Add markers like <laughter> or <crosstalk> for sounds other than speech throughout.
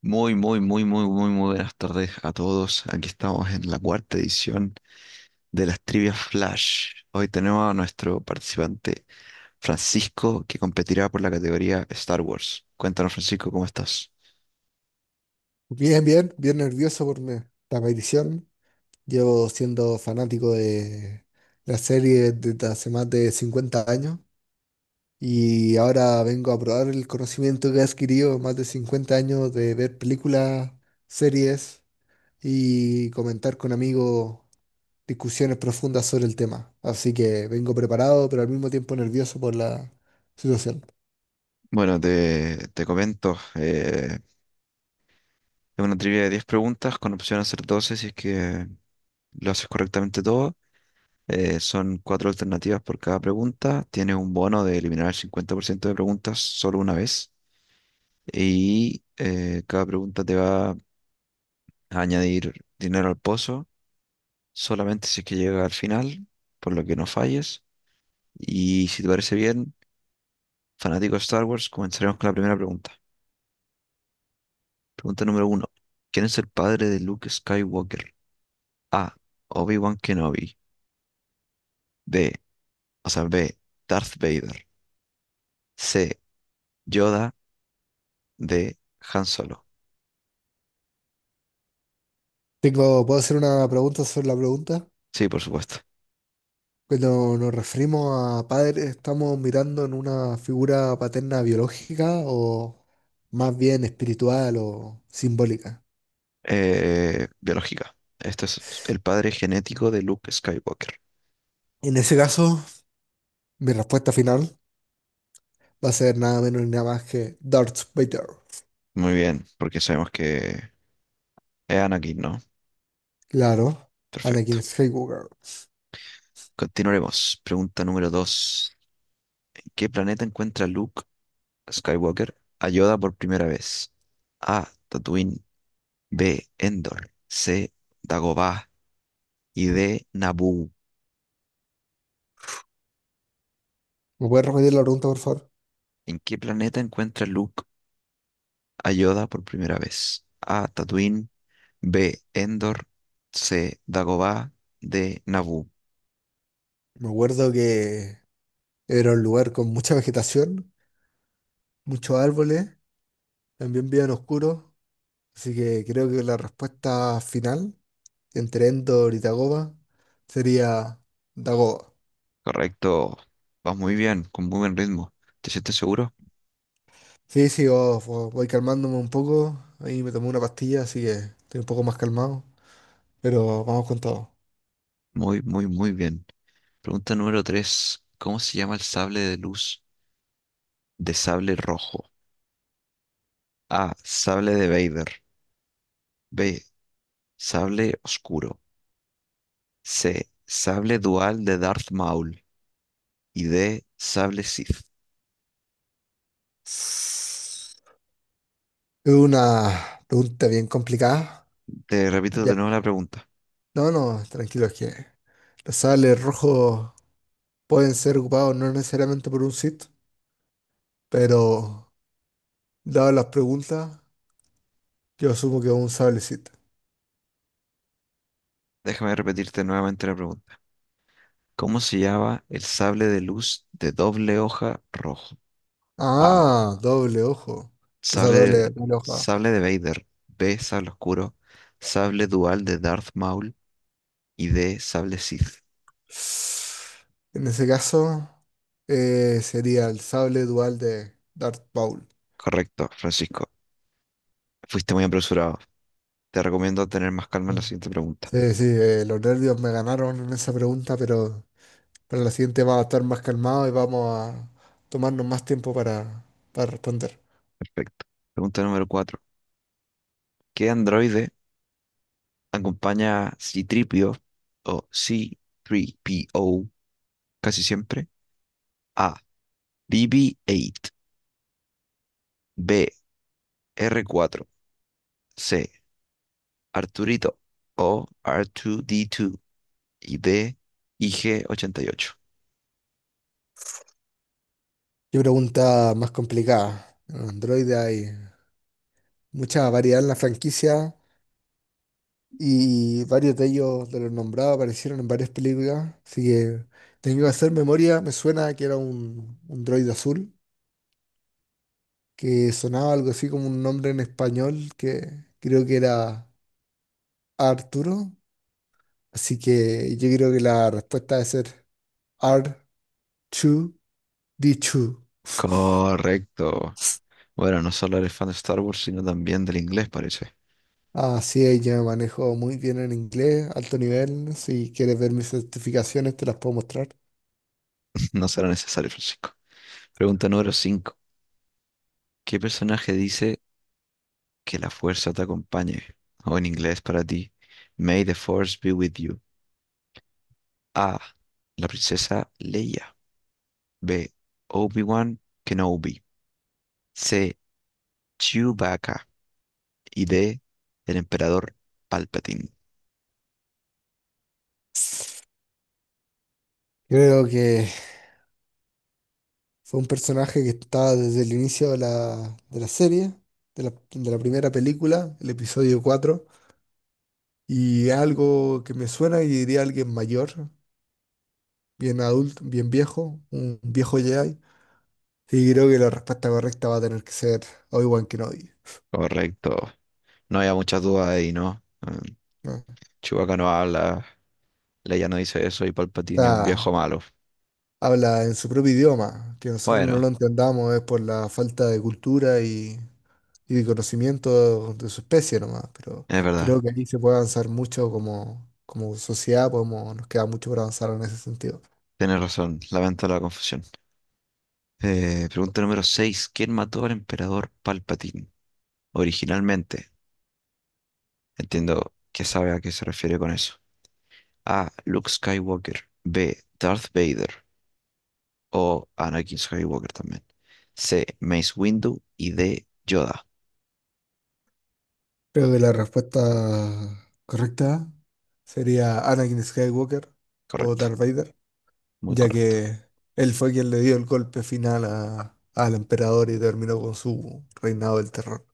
Muy, muy, muy, muy, muy, muy buenas tardes a todos. Aquí estamos en la cuarta edición de las Trivias Flash. Hoy tenemos a nuestro participante Francisco, que competirá por la categoría Star Wars. Cuéntanos, Francisco, ¿cómo estás? Bien, nervioso por esta aparición. Llevo siendo fanático de la serie desde hace más de 50 años y ahora vengo a probar el conocimiento que he adquirido en más de 50 años de ver películas, series y comentar con amigos discusiones profundas sobre el tema. Así que vengo preparado, pero al mismo tiempo nervioso por la situación. Bueno, te comento. Es una trivia de 10 preguntas con opción a hacer 12 si es que lo haces correctamente todo. Son cuatro alternativas por cada pregunta. Tienes un bono de eliminar el 50% de preguntas solo una vez. Cada pregunta te va añadir dinero al pozo, solamente si es que llega al final, por lo que no falles. Y si te parece bien, fanático de Star Wars, comenzaremos con la primera pregunta. Pregunta número uno. ¿Quién es el padre de Luke Skywalker? A. Obi-Wan Kenobi. B. O sea, B. Darth Vader. C. Yoda. D. Han Solo. Tengo, ¿puedo hacer una pregunta sobre la pregunta? Sí, por supuesto. Cuando nos referimos a padre, estamos mirando en una figura paterna biológica o más bien espiritual o simbólica. Biológica. Esto es el padre genético de Luke Skywalker. En ese caso, mi respuesta final va a ser nada menos ni nada más que Darth Vader. Muy bien, porque sabemos que es Anakin, ¿no? Claro, Perfecto. Anakin Skywalker. Continuaremos. Pregunta número 2. ¿En qué planeta encuentra Luke Skywalker a Yoda por primera vez? A. Tatooine. B. Endor. C. Dagobah. Y D. Naboo. ¿Me puedes repetir la pregunta, por favor? ¿En qué planeta encuentra Luke a Yoda por primera vez? A. Tatooine. B. Endor. C. Dagobah. D. Naboo. Me acuerdo que era un lugar con mucha vegetación, muchos árboles, también bien oscuro, así que creo que la respuesta final entre Endor y Dagoba sería Dagoba. Correcto. Vas muy bien, con muy buen ritmo. ¿Te sientes seguro? Sí, sí, oh, voy calmándome un poco. Ahí me tomé una pastilla, así que estoy un poco más calmado. Pero vamos con todo. Muy, muy, muy bien. Pregunta número 3. ¿Cómo se llama el sable de luz? De sable rojo. A. Sable de Vader. B. Sable oscuro. C. Sable dual de Darth Maul. Y D. Sable Sith. Es una pregunta bien complicada. Te repito de Ya nuevo que- la pregunta. no, no, tranquilo, es que los sables rojos pueden ser ocupados no necesariamente por un Sith, pero dadas las preguntas, yo asumo que es un sable Sith. Déjame repetirte nuevamente la pregunta. ¿Cómo se llama el sable de luz de doble hoja rojo? A. Ah, doble ojo. O sea, Sable doble, de, doble ojo. sable de Vader. B. Sable oscuro. Sable dual de Darth Maul. Y D. Sable Sith. En ese caso, sería el sable dual de Darth Maul. Correcto, Francisco. Fuiste muy apresurado. Te recomiendo tener más calma en la Sí, siguiente pregunta. sí, sí, los nervios me ganaron en esa pregunta, pero para la siguiente vamos a estar más calmados y vamos a tomarnos más tiempo para responder. Perfecto. Pregunta número 4. ¿Qué androide acompaña a C-3PO o C-3PO casi siempre? A. BB-8, B. R4, C. Arturito o R2D2 y D. IG-88. Qué pregunta más complicada. En Android hay mucha variedad en la franquicia y varios de ellos, de los nombrados, aparecieron en varias películas, así que tengo que hacer memoria. Me suena que era un droide azul, que sonaba algo así como un nombre en español que creo que era Arturo. Así que yo creo que la respuesta debe ser R2D2. <laughs> Correcto. Bueno, no solo eres fan de Star Wars, sino también del inglés, parece. Así es, yo me manejo muy bien en inglés, alto nivel. Si quieres ver mis certificaciones, te las puedo mostrar. <laughs> No será necesario, Francisco. Pregunta número 5. ¿Qué personaje dice Que la fuerza te acompañe. O en inglés para ti. May the force be with you. A. La princesa Leia. B. Obi-Wan Kenobi. C. Chewbacca. Y D. El emperador Palpatine. Creo que fue un personaje que estaba desde el inicio de la serie, de la primera película, el episodio 4 y algo que me suena y diría alguien mayor, bien adulto, bien viejo, un viejo Jedi. Y creo que la respuesta correcta va a tener que ser Obi-Wan Kenobi, Correcto. No había muchas dudas ahí, ¿no? ¿No? O Chewbacca no habla. Leia no dice eso y Palpatine es un sea, viejo malo. habla en su propio idioma, que nosotros no Bueno, lo entendamos es por la falta de cultura y de conocimiento de su especie nomás, pero es verdad. creo que aquí se puede avanzar mucho como sociedad, podemos, nos queda mucho por avanzar en ese sentido. Tienes razón. Lamento la confusión. Pregunta número seis. ¿Quién mató al emperador Palpatine? Originalmente. Entiendo que sabe a qué se refiere con eso. A. Luke Skywalker. B. Darth Vader. O Anakin Skywalker también. C. Mace Windu. Y D. Yoda. Creo que la respuesta correcta sería Anakin Skywalker o Correcto. Darth Vader, Muy ya correcto. que él fue quien le dio el golpe final al emperador y terminó con su reinado del terror.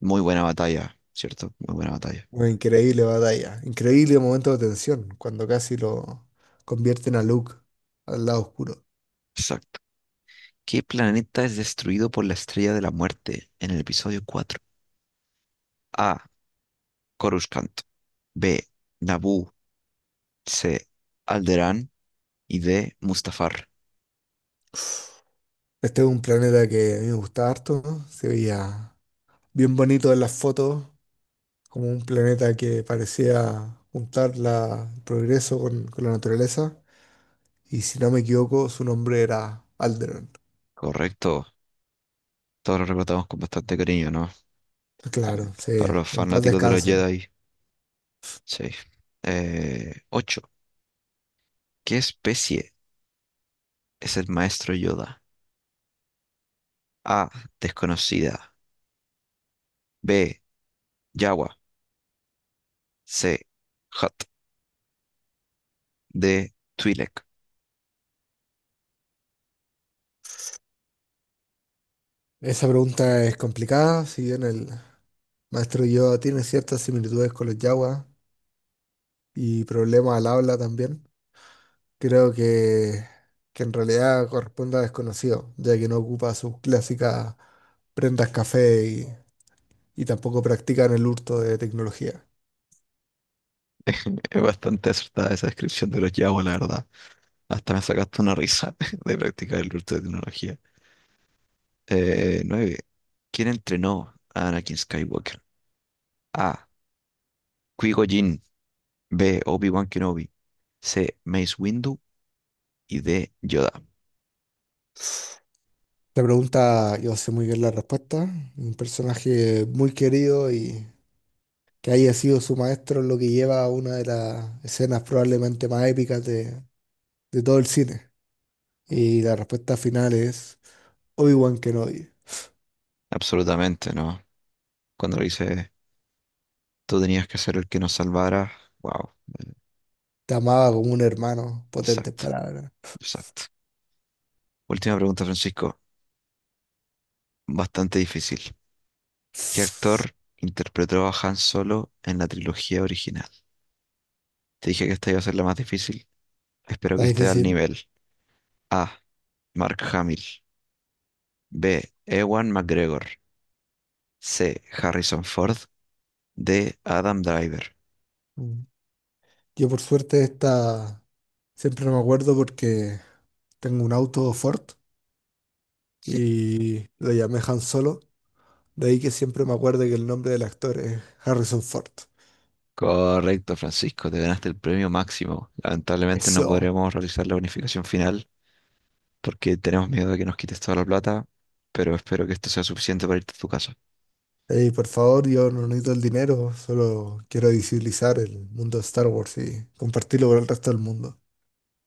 Muy buena batalla, ¿cierto? Muy buena batalla. Una increíble batalla, increíble momento de tensión, cuando casi lo convierten a Luke al lado oscuro. Exacto. ¿Qué planeta es destruido por la Estrella de la Muerte en el episodio cuatro? A. Coruscant. B. Naboo. C. Alderaan. Y D. Mustafar. Este es un planeta que a mí me gusta harto, ¿no? Se veía bien bonito en las fotos, como un planeta que parecía juntar el progreso con la naturaleza. Y si no me equivoco, su nombre era Alderaan. Correcto. Todos lo recordamos con bastante cariño, ¿no? Claro, sí, Para los en paz fanáticos de los descansen. Jedi. Seis. Ocho. ¿Qué especie es el maestro Yoda? A. Desconocida. B. Yawa. C. Hutt. D. Twi'lek. Esa pregunta es complicada, si bien el maestro Yoda tiene ciertas similitudes con los Jawas y problemas al habla también, creo que en realidad corresponde a desconocido, ya que no ocupa sus clásicas prendas café y tampoco practican el hurto de tecnología. Es bastante acertada esa descripción de los Yawa, la verdad. Hasta me sacaste una risa <laughs> de practicar el uso de tecnología. Nueve. ¿Quién entrenó a Anakin Skywalker? A. Qui-Gon Jinn. B. Obi-Wan Kenobi. C. Mace Windu. Y D. Yoda. Esta pregunta, yo sé muy bien la respuesta, un personaje muy querido y que haya sido su maestro lo que lleva a una de las escenas probablemente más épicas de todo el cine. Y la respuesta final es Obi-Wan Kenobi. Absolutamente, ¿no? Cuando lo hice. Tú tenías que ser el que nos salvara. Wow, Te amaba como un hermano, potentes exacto, palabras. exacto. Última pregunta, Francisco. Bastante difícil. ¿Qué Está actor interpretó a Han Solo en la trilogía original? Te dije que esta iba a ser la más difícil. Espero que esté al difícil. nivel. A. Mark Hamill. B. Ewan McGregor. C. Harrison Ford. D. Adam Driver. Mm. Yo por suerte esta siempre no me acuerdo porque tengo un auto Ford y lo llamé Han Solo. De ahí que siempre me acuerdo que el nombre del actor es Harrison Ford. Correcto, Francisco. Te ganaste el premio máximo. Lamentablemente no Eso. podremos realizar la unificación final porque tenemos miedo de que nos quites toda la plata, pero espero que esto sea suficiente para irte a tu casa. Ey, por favor, yo no necesito el dinero, solo quiero visibilizar el mundo de Star Wars y compartirlo con el resto del mundo.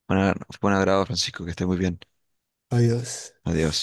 Bueno, fue un agrado, Francisco, que estés muy bien. Adiós. Adiós.